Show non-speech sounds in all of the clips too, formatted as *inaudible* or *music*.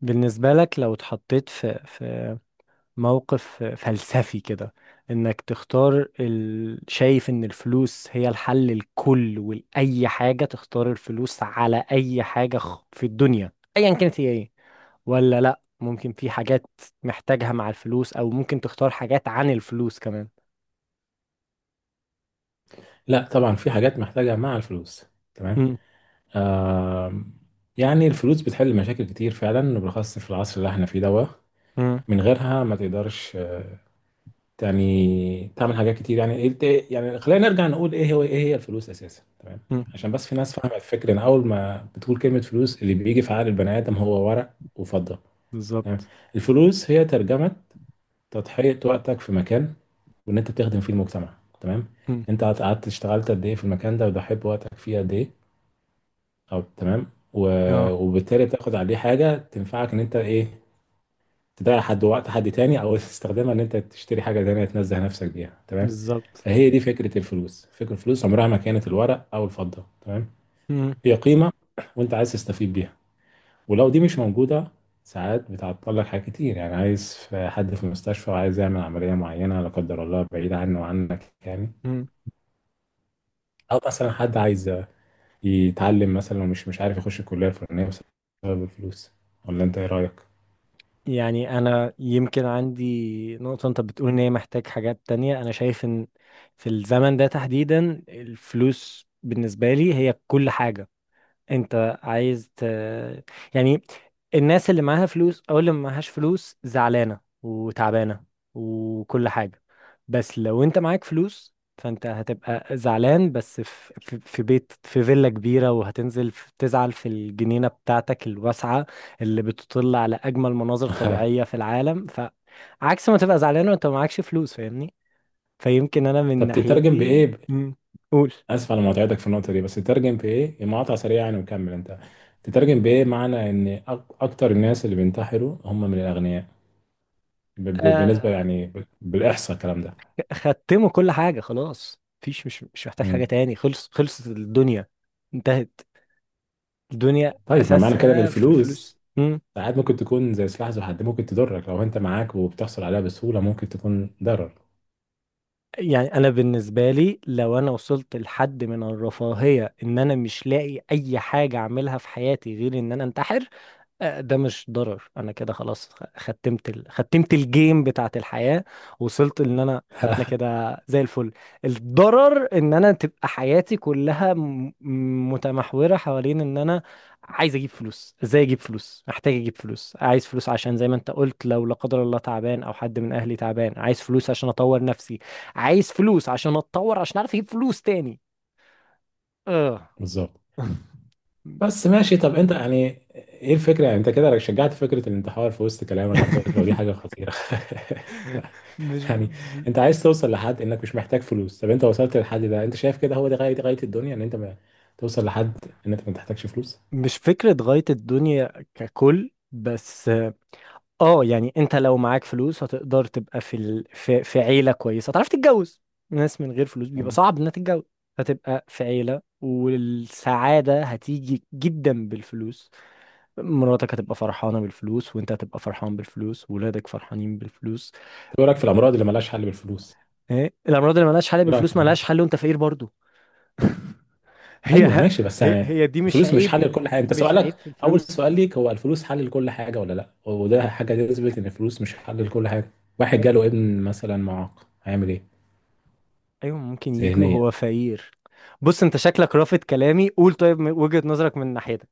بالنسبة لك لو اتحطيت في موقف فلسفي كده، انك تختار شايف ان الفلوس هي الحل الكل، ولأي حاجة تختار الفلوس على اي حاجة في الدنيا، ايا كانت هي ايه، ولا لا ممكن في حاجات محتاجها مع الفلوس، او ممكن تختار حاجات عن الفلوس كمان. لا طبعا في حاجات محتاجة مع الفلوس. تمام. مم. آم، يعني الفلوس بتحل مشاكل كتير فعلا وبالخاص في العصر اللي احنا فيه ده. مم. من غيرها ما تقدرش يعني تعمل حاجات كتير. يعني انت، يعني خلينا نرجع نقول ايه هي الفلوس اساسا. تمام. مم. عشان بس في ناس فاهمة الفكرة ان اول ما بتقول كلمة فلوس اللي بيجي في عقل البني ادم هو ورق وفضة. تمام. بالظبط. الفلوس هي ترجمة تضحية وقتك في مكان وان انت بتخدم فيه المجتمع. تمام. مم. انت قعدت اشتغلت قد ايه في المكان ده وضحيت بوقتك فيه قد ايه، أو تمام. و- اه. وبالتالي بتاخد عليه حاجة تنفعك، إن أنت إيه، تضيع حد، وقت حد تاني، أو تستخدمها إن أنت تشتري حاجة تانية تنزه نفسك بيها. تمام. بالظبط. فهي دي فكرة الفلوس، فكرة الفلوس عمرها ما كانت الورق أو الفضة. تمام. مم. هي قيمة وأنت عايز تستفيد بيها، ولو دي مش موجودة ساعات بتعطل لك حاجات كتير. يعني عايز في حد في المستشفى وعايز يعمل عملية معينة لا قدر الله بعيد عنه وعنك يعني، مم. أو مثلا حد عايز يتعلم مثلا ومش مش عارف يخش الكلية الفلانية بسبب الفلوس. ولا انت ايه رأيك؟ يعني انا يمكن عندي نقطة، انت بتقول ان هي محتاج حاجات تانية، انا شايف ان في الزمن ده تحديدا الفلوس بالنسبة لي هي كل حاجة. انت عايز ت... يعني الناس اللي معاها فلوس او اللي معهاش فلوس زعلانة وتعبانة وكل حاجة، بس لو انت معاك فلوس فانت هتبقى زعلان بس في بيت، في فيلا كبيرة، وهتنزل تزعل في الجنينة بتاعتك الواسعة اللي بتطل على اجمل مناظر طبيعية في العالم، فعكس ما تبقى زعلان وانت معكش فلوس، فاهمني؟ فيمكن انا من طب تترجم بإيه؟ ناحيتي. مم. قول. اسف على مقاطعتك في النقطة دي، بس تترجم بإيه؟ مقاطعة سريعة يعني، وكمل انت. تترجم بإيه معنى ان اكتر الناس اللي بينتحروا هم من الأغنياء، بالنسبة يعني، بالإحصاء الكلام ده. ختموا كل حاجة، خلاص مفيش، مش محتاج حاجة مم. تاني، خلصت الدنيا، انتهت الدنيا، طيب ما معنى كده ان أساسها في الفلوس. الفلوس مم. ساعات ممكن تكون زي سلاح ذو حد، ممكن تضرك لو انت معاك وبتحصل عليها بسهولة، ممكن تكون ضرر. يعني أنا بالنسبة لي، لو أنا وصلت لحد من الرفاهية إن أنا مش لاقي أي حاجة أعملها في حياتي غير إن أنا أنتحر، ده مش ضرر. انا كده خلاص ختمت ختمت الجيم بتاعت الحياة، وصلت ان انا كده زي الفل. الضرر ان انا تبقى حياتي كلها متمحورة حوالين ان انا عايز اجيب فلوس، ازاي اجيب فلوس، محتاج اجيب فلوس، عايز فلوس عشان زي ما انت قلت لو لا قدر الله تعبان او حد من اهلي تعبان، عايز فلوس عشان اطور نفسي، عايز فلوس عشان اتطور عشان اعرف اجيب فلوس تاني. اه. بالظبط. بس ماشي. طب انت يعني ايه الفكره؟ يعني انت كده شجعت فكره الانتحار في وسط كلامك على فكره، ودي حاجه *laughs* خطيره. *laughs* *laughs* مش يعني انت عايز توصل لحد انك مش محتاج فلوس؟ طب انت وصلت للحد ده؟ انت شايف كده هو ده غايه، غايه الدنيا، ان انت ما توصل لحد ان انت ما تحتاجش فلوس؟ مش فكرة غاية الدنيا ككل بس. اه يعني انت لو معاك فلوس هتقدر تبقى في عيلة كويسة، هتعرف تتجوز. ناس من غير فلوس بيبقى مم. صعب انها تتجوز. هتبقى في عيلة، والسعادة هتيجي جدا بالفلوس، مراتك هتبقى فرحانة بالفلوس، وانت هتبقى فرحان بالفلوس، وولادك فرحانين بالفلوس. طب ايه رايك في الامراض اللي ملهاش حل بالفلوس؟ ايه الأمراض اللي ملهاش حل ايه رايك في بالفلوس؟ الامراض؟ ملهاش حل وانت فقير برضو. *laughs* ايوه هي. ماشي بس هي يعني هي دي مش الفلوس مش عيب، حل لكل حاجه، انت مش سؤالك عيب في اول الفلوس. سؤال ليك هو الفلوس حل لكل حاجه ولا لا، وده حاجه تثبت ان الفلوس مش حل لكل حاجه. واحد جاله ابن مثلا معاق هيعمل ايه؟ ايوه ممكن يجي ذهنيا. وهو فقير. بص انت شكلك رافض كلامي، قول، طيب من وجهة نظرك، من ناحيتك.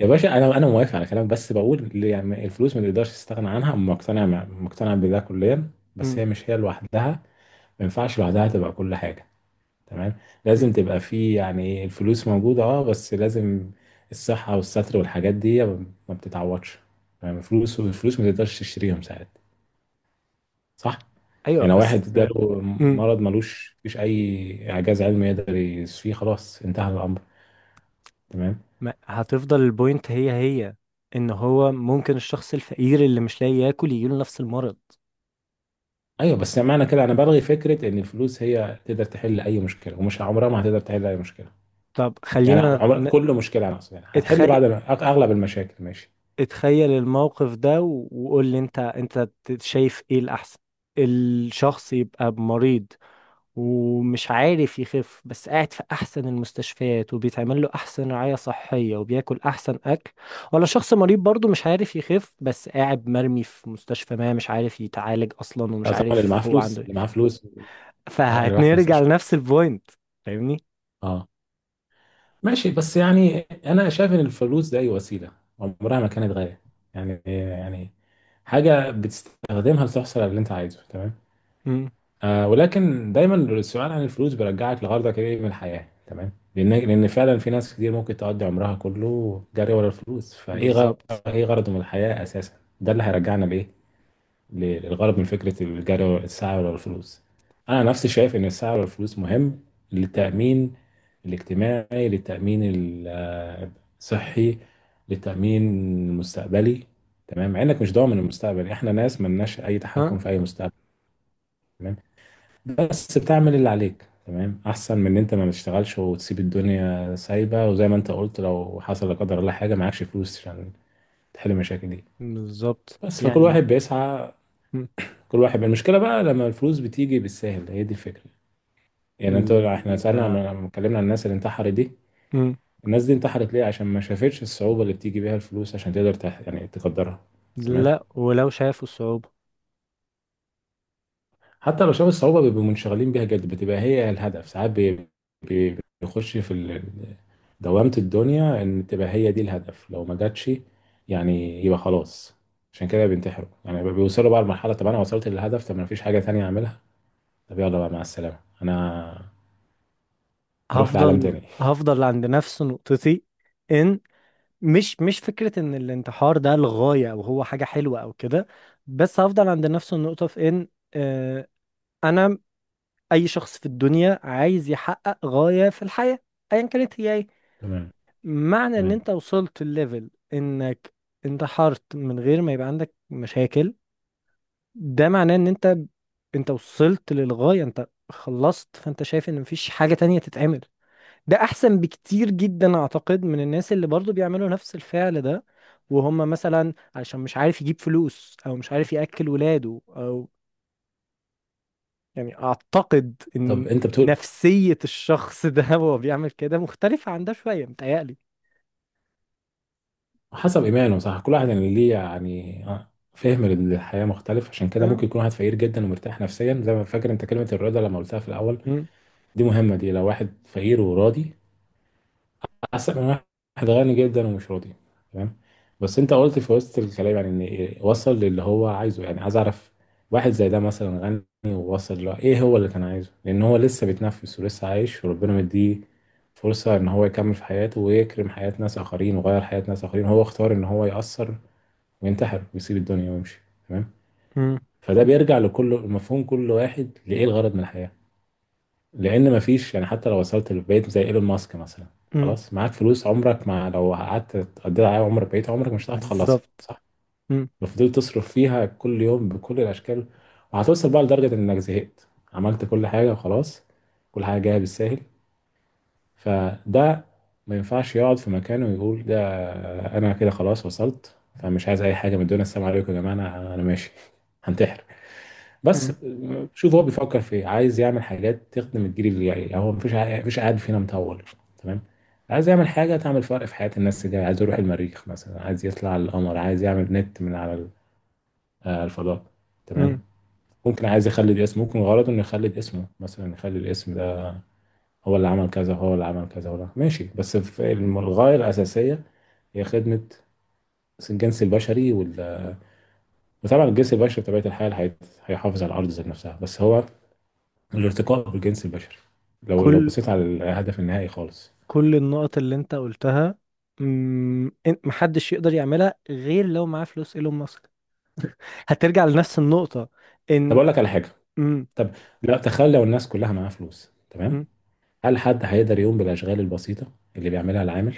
يا باشا انا موافق على كلامك، بس بقول ليه يعني الفلوس ما تقدرش تستغنى عنها، مقتنع مقتنع بده كليا، بس مم. هي مش هي لوحدها. ما ينفعش لوحدها تبقى كل حاجه. تمام. مم. لازم تبقى في يعني، الفلوس موجوده اه، بس لازم الصحه والستر والحاجات دي ما بتتعوضش. يعني الفلوس ما تقدرش تشتريهم ساعات. صح. ايوه يعني لو واحد بس. جاله مم. مرض ملوش فيش اي اعجاز علمي يقدر يشفيه، خلاص انتهى الامر. تمام. ما هتفضل البوينت هي ان هو ممكن الشخص الفقير اللي مش لاقي ياكل يجيله نفس المرض. ايوه بس معنى كده انا بلغي فكره ان الفلوس هي تقدر تحل اي مشكله، ومش عمرها ما هتقدر تحل اي مشكله، طب يعني خلينا عمر كل مشكله، انا اقصد يعني هتحل اتخيل، بعد اغلب المشاكل ماشي. اتخيل الموقف ده وقول لي انت شايف ايه الاحسن؟ الشخص يبقى مريض ومش عارف يخف بس قاعد في احسن المستشفيات، وبيتعمل له احسن رعاية صحية، وبياكل احسن اكل، ولا شخص مريض برضه مش عارف يخف بس قاعد مرمي في مستشفى ما، مش عارف يتعالج اصلا، ومش لا طبعا اللي عارف معاه هو فلوس، عنده اللي معاه ايه؟ فلوس. طبعا اللي راح في فهنرجع مستشفى. لنفس البوينت، فاهمني؟ اه ماشي، بس يعني انا شايف ان الفلوس دي وسيله، عمرها ما كانت غايه. يعني يعني حاجه بتستخدمها لتحصل على اللي انت عايزه. تمام. امم آه، ولكن دايما السؤال عن الفلوس بيرجعك لغرضك ايه من الحياة. تمام. لان لان فعلا في ناس كتير ممكن تقضي عمرها كله جري ورا الفلوس، فايه غرض، بالظبط. ايه غرضه من الحياة اساسا؟ ده اللي هيرجعنا لايه، للغرض من فكرة الجري ورا، السعي ورا الفلوس. انا نفسي شايف ان السعي ورا الفلوس مهم للتأمين الاجتماعي، للتأمين الصحي، للتأمين المستقبلي. تمام. مع انك مش ضامن المستقبل، احنا ناس ملناش اي ها. تحكم في اي مستقبل، بس تعمل اللي عليك. تمام. احسن من ان انت ما تشتغلش وتسيب الدنيا سايبه، وزي ما انت قلت لو حصل لا قدر الله حاجه معكش فلوس عشان تحل المشاكل دي. بالظبط بس فكل يعني. واحد بيسعى، مم. كل واحد. المشكله بقى لما الفلوس بتيجي بالساهل، هي دي الفكره. يعني انت، احنا سالنا لا. لما اتكلمنا عن الناس اللي انتحرت دي، مم. الناس دي انتحرت ليه؟ عشان ما شافتش الصعوبه اللي بتيجي بيها الفلوس عشان تقدر يعني تقدرها. تمام. لا، ولو شافوا الصعوبة. حتى لو شاف الصعوبة بيبقوا منشغلين بيها جد، بتبقى هي الهدف ساعات، بيخش في دوامة الدنيا إن تبقى هي دي الهدف. لو ما جاتش يعني يبقى خلاص. عشان كده بينتحروا يعني، بيوصلوا بقى لمرحلة طب أنا وصلت للهدف، طب ما فيش حاجة تانية أعملها، طب يلا بقى مع السلامة، أنا هروح لعالم هفضل تاني. هفضل عند نفس نقطتي، ان مش فكرة ان الانتحار ده الغاية او هو حاجة حلوة او كده، بس هفضل عند نفس النقطة في ان، آه، انا، اي شخص في الدنيا عايز يحقق غاية في الحياة، ايا كانت هي ايه، تمام. معنى ان تمام. انت وصلت الليفل انك انتحرت من غير ما يبقى عندك مشاكل، ده معناه ان انت، انت وصلت للغاية، انت خلصت، فانت شايف ان مفيش حاجة تانية تتعمل، ده احسن بكتير جدا اعتقد من الناس اللي برضو بيعملوا نفس الفعل ده، وهم مثلا عشان مش عارف يجيب فلوس، او مش عارف ياكل ولاده، او يعني اعتقد ان طب أنت بتقول نفسية الشخص ده *laughs* وهو بيعمل كده مختلفة عن ده شوية، متهيألي. حسب إيمانه صح، كل واحد يعني ليه يعني فهم للحياة مختلف. عشان كده أه. ممكن يكون واحد فقير جدا ومرتاح نفسيا، زي ما فاكر أنت كلمة الرضا لما قلتها في الأول، أمم، دي مهمة دي. لو واحد فقير وراضي أحسن من واحد غني جدا ومش راضي. تمام. بس أنت قلت في وسط الكلام يعني إن إيه، وصل للي هو عايزه. يعني عايز أعرف واحد زي ده مثلا غني، ووصل له إيه هو اللي كان عايزه، لأن هو لسه بيتنفس ولسه عايش وربنا مديه فرصة إن هو يكمل في حياته ويكرم حياة ناس آخرين ويغير حياة ناس آخرين، هو اختار إن هو يأثر وينتحر ويسيب الدنيا ويمشي. تمام. أمم، فده بيرجع لكل مفهوم كل واحد لإيه الغرض من الحياة. لان مفيش يعني، حتى لو وصلت لبيت زي ايلون ماسك مثلا، أمم. خلاص معاك فلوس، عمرك ما لو قعدت تقضي عليها عمرك بقيت، عمرك مش هتعرف تخلصها، بالظبط. صح. أمم، لو فضلت تصرف فيها كل يوم بكل الاشكال، وهتوصل بقى لدرجه انك زهقت، عملت كل حاجه وخلاص، كل حاجه جايه بالساهل. فده ما ينفعش يقعد في مكانه ويقول ده، انا كده خلاص وصلت، فمش عايز اي حاجه من الدنيا، السلام عليكم يا جماعه، انا ماشي. *laughs* هنتحر أمم، بس. شوف هو بيفكر في ايه، عايز يعمل حاجات تخدم الجيل اللي جاي. يعني هو مفيش مفيش قاعد فينا مطول. تمام. عايز يعمل حاجه تعمل فرق في حياه الناس اللي جايه، عايز يروح المريخ مثلا، عايز يطلع على القمر، عايز يعمل نت من على الفضاء. أمم. تمام. ممكن عايز يخلد اسمه، ممكن غرضه انه يخلد اسمه، مثلا يخلي الاسم ده هو اللي عمل كذا، هو اللي عمل كذا، ولا ماشي. بس في الغايه الاساسيه هي خدمه الجنس البشري وطبعا الجنس البشري بطبيعه الحال هيحافظ على الارض ذات نفسها، بس هو الارتقاء بالجنس البشري، لو لو كل بصيت على الهدف النهائي خالص. كل النقط اللي انت قلتها، محدش يقدر يعملها غير لو معاه فلوس ايلون ماسك، هترجع لنفس النقطة طب ان اقول لك على حاجه، امم طب لا، تخيل لو الناس كلها معاها فلوس. تمام. امم هل حد هيقدر يقوم بالاشغال البسيطه اللي بيعملها العامل؟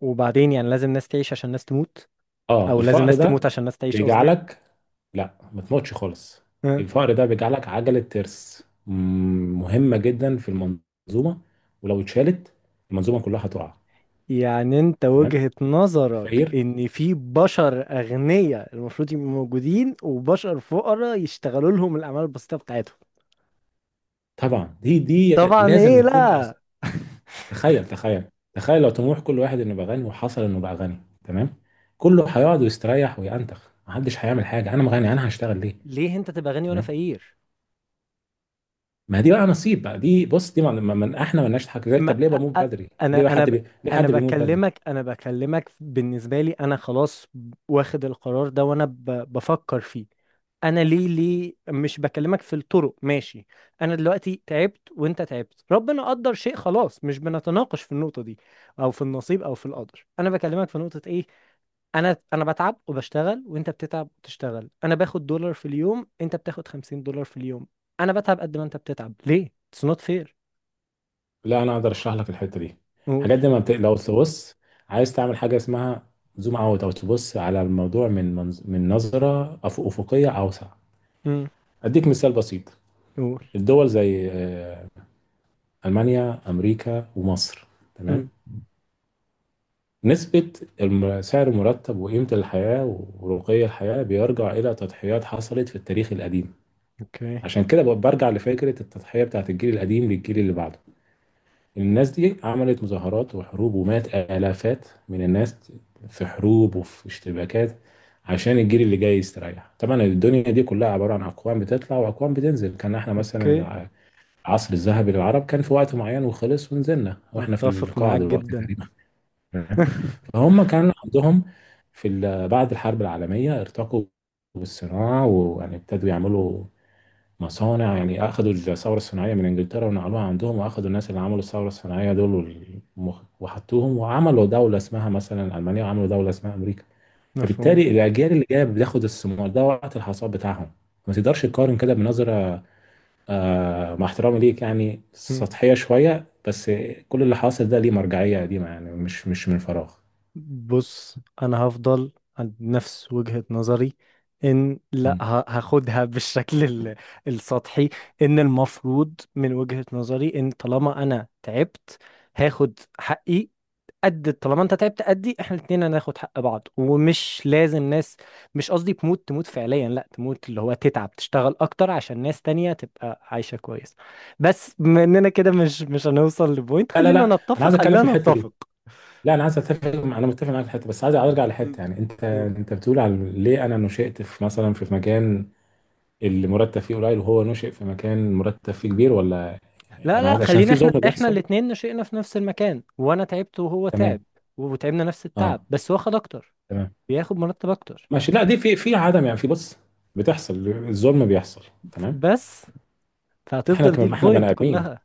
وبعدين يعني لازم ناس تعيش عشان ناس تموت، اه او لازم الفقر ناس تموت ده عشان ناس تعيش، قصدي. بيجعلك، لا ما تموتش خالص. ها. الفقر ده بيجعلك عجله ترس، مم، مهمه جدا في المنظومه، ولو اتشالت المنظومه كلها هتقع. يعني انت تمام. وجهة نظرك الفقير، ان في بشر اغنياء المفروض يبقوا موجودين، وبشر فقراء يشتغلوا لهم الاعمال البسيطة بتاعتهم؟ طبعا دي طبعا، لازم ايه، يكون. لا، تخيل، تخيل، تخيل لو طموح كل واحد انه يبقى غني، وحصل انه بقى غني. تمام. كله هيقعد ويستريح ويأنتخ، محدش هيعمل حاجه، انا غني انا هشتغل ليه؟ ليه انت تبقى غني وانا تمام. فقير؟ ما دي بقى نصيب بقى، دي بص دي، احنا مالناش حاجه زي، ما طب ليه أ- بموت أ- بدري، ليه انا بقى انا حد ب- ليه انا حد بيموت بدري. بكلمك انا بكلمك بالنسبه لي، انا خلاص واخد القرار ده، وانا بفكر فيه. انا ليه مش بكلمك في الطرق، ماشي؟ انا دلوقتي تعبت، وانت تعبت، ربنا قدر شيء، خلاص مش بنتناقش في النقطه دي، او في النصيب، او في القدر، انا بكلمك في نقطه ايه؟ انا بتعب وبشتغل، وانت بتتعب وتشتغل، انا باخد دولار في اليوم، انت بتاخد $50 في اليوم، انا بتعب قد ما انت بتتعب، ليه؟ It's not fair. لا انا اقدر اشرح لك الحته دي. قول. الحاجات دي ما بت... لو تبص عايز تعمل حاجه اسمها زوم اوت، او تبص على الموضوع من نظره افقيه اوسع. اديك مثال بسيط. قول. الدول زي المانيا، امريكا، ومصر. تمام. مم. نسبة سعر المرتب وقيمة الحياة ورقي الحياة بيرجع إلى تضحيات حصلت في التاريخ القديم. اوكي. عشان كده برجع لفكرة التضحية بتاعت الجيل القديم للجيل اللي بعده. الناس دي عملت مظاهرات وحروب، ومات آلافات من الناس في حروب وفي اشتباكات، عشان الجيل اللي جاي يستريح. طبعا الدنيا دي كلها عبارة عن أقوام بتطلع وأقوام بتنزل. كان احنا مثلا اوكي. العصر الذهبي للعرب كان في وقت معين وخلص، ونزلنا واحنا في اتفق القاع معاك دلوقتي جدا. تقريبا. *laughs* فهم كان عندهم في بعد الحرب العالمية ارتقوا بالصناعة، ويعني ابتدوا يعملوا مصانع، يعني أخدوا الثورة الصناعية من إنجلترا ونقلوها عندهم، وأخدوا الناس اللي عملوا الثورة الصناعية دول وحطوهم وعملوا دولة اسمها مثلا ألمانيا، وعملوا دولة اسمها أمريكا. مفهوم. فبالتالي الأجيال اللي جاية بتاخد الثمار ده وقت الحصاد بتاعهم. ما تقدرش تقارن كده بنظرة آه، مع احترامي ليك، يعني مم. سطحية شوية، بس كل اللي حاصل ده ليه مرجعية قديمة، يعني مش من فراغ. بص انا هفضل عند نفس وجهة نظري ان، لا هاخدها *laughs* بالشكل السطحي، ان المفروض من وجهة نظري، ان طالما انا تعبت هاخد حقي قد طالما انت تعبت قدي، احنا الاتنين هناخد حق بعض، ومش لازم ناس، مش قصدي تموت تموت فعليا، لا تموت اللي هو تتعب، تشتغل اكتر عشان ناس تانية تبقى عايشة كويس، بس بما اننا كده مش هنوصل لبوينت، لا لا خلينا لا، انا عايز نتفق ان اتكلم لا في الحته دي. نتفق. لا انا عايز اتفق، انا متفق معاك في الحته، بس عايز ارجع مم. لحته. يعني انت قول. انت بتقول على ليه انا نشأت في مثلا في مكان اللي مرتب فيه قليل وهو نشأ في مكان مرتب فيه كبير، ولا. لا، انا لا، عايز عشان خلينا في احنا ظلم احنا بيحصل. الاتنين، نشئنا في نفس المكان، وانا تعبت وهو تعب، تمام. وتعبنا نفس اه. التعب، بس هو خد اكتر، تمام بياخد مرتب اكتر. ماشي. لا دي في عدم يعني، في بص، بتحصل، الظلم بيحصل. تمام. بس احنا فهتفضل دي كمان احنا بني البوينت ادمين، كلها،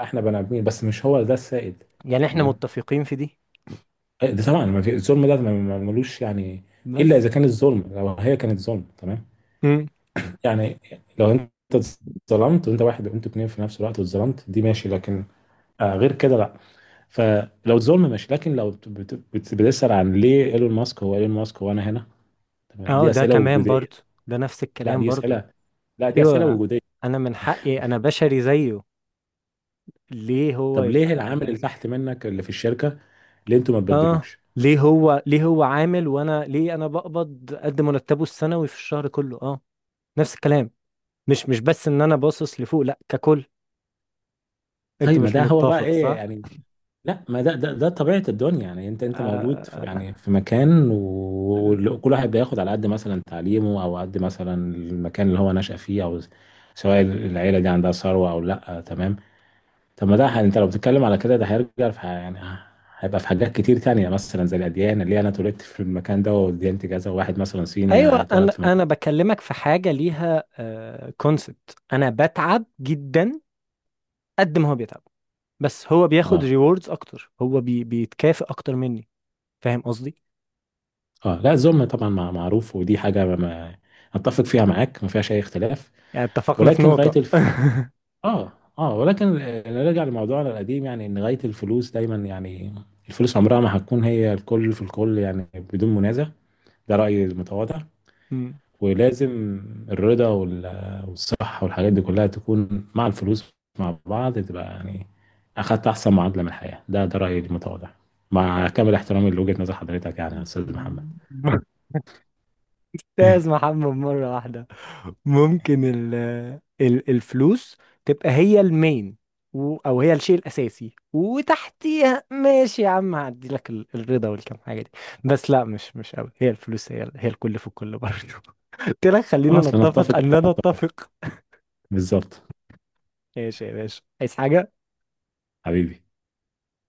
احنا بني ادمين بس مش هو ده السائد. يعني احنا تمام. متفقين في دي إيه، ده طبعا ما في الظلم ده ملوش يعني، الا بس. اذا كان الظلم، لو هي كانت ظلم. تمام. يعني لو انت اتظلمت وانت واحد وانت اتنين في نفس الوقت واتظلمت، دي ماشي، لكن آه غير كده لا. فلو اتظلم ماشي، لكن لو بتسأل عن ليه ايلون ماسك هو ايلون ماسك، هو انا هنا. تمام، اه، دي ده اسئله كمان وجوديه. برضو، ده نفس لا الكلام دي برضو. اسئله، لا دي اسئله ايوه وجوديه. انا من حقي، انا بشري زيه، ليه هو طب ليه يبقى العامل ما... اللي تحت منك اللي في الشركه، ليه انتوا ما اه، تبدلوش؟ ليه هو عامل، وانا ليه انا بقبض قد مرتبه السنوي في الشهر كله؟ اه. نفس الكلام، مش بس ان انا باصص لفوق، لا ككل. انت طيب ما مش ده هو بقى متفق، ايه صح؟ يعني. لا ما ده ده طبيعة الدنيا. يعني انت مولود في آه... يعني في مكان، و- وكل واحد بياخد على قد مثلا تعليمه، او قد مثلا المكان اللي هو نشأ فيه، او سواء العيلة دي عندها ثروة او لا. تمام. طب ما ده انت لو بتتكلم على كده ده هيرجع في يعني هيبقى في حاجات كتير تانية، مثلا زي الأديان، اللي أنا اتولدت في المكان ده وديانتي كذا، وواحد مثلا صيني ايوه، هيتولد انا في مكان. انا بكلمك في حاجه ليها كونسبت، انا بتعب جدا قد ما هو بيتعب، بس هو بياخد اه. ريوردز اكتر، هو بيتكافئ اكتر مني، فاهم قصدي؟ اه لا الذم طبعا معروف، ودي حاجة أتفق فيها معاك، ما فيهاش أي اختلاف. يعني اتفقنا في ولكن غاية، نقطة. *laughs* اه، اه ولكن نرجع لموضوعنا القديم. يعني ان غاية الفلوس دايما يعني، الفلوس عمرها ما هتكون هي الكل في الكل، يعني بدون منازع. ده رأيي المتواضع. مم. ولازم الرضا والصحة والحاجات دي كلها تكون مع الفلوس، مع بعض تبقى يعني أخدت أحسن معادلة من الحياة. ده ده رأيي المتواضع، مع كامل احترامي لوجهة نظر حضرتك، يعني يا أستاذ محمد. استاذ *laughs* محمد مرة واحدة. ممكن ال الفلوس تبقى هي المين او هي الشيء الاساسي، وتحتيها ماشي يا عم هعدي لك الرضا والكم حاجة دي، بس لا، مش قوي هي الفلوس، هي الكل في الكل برضه. *laughs* قلت لك خلينا خلاص لنتفق. نتفق ان لا نتفق. بالظبط. ماشي يا باشا، عايز حاجة؟ حبيبي.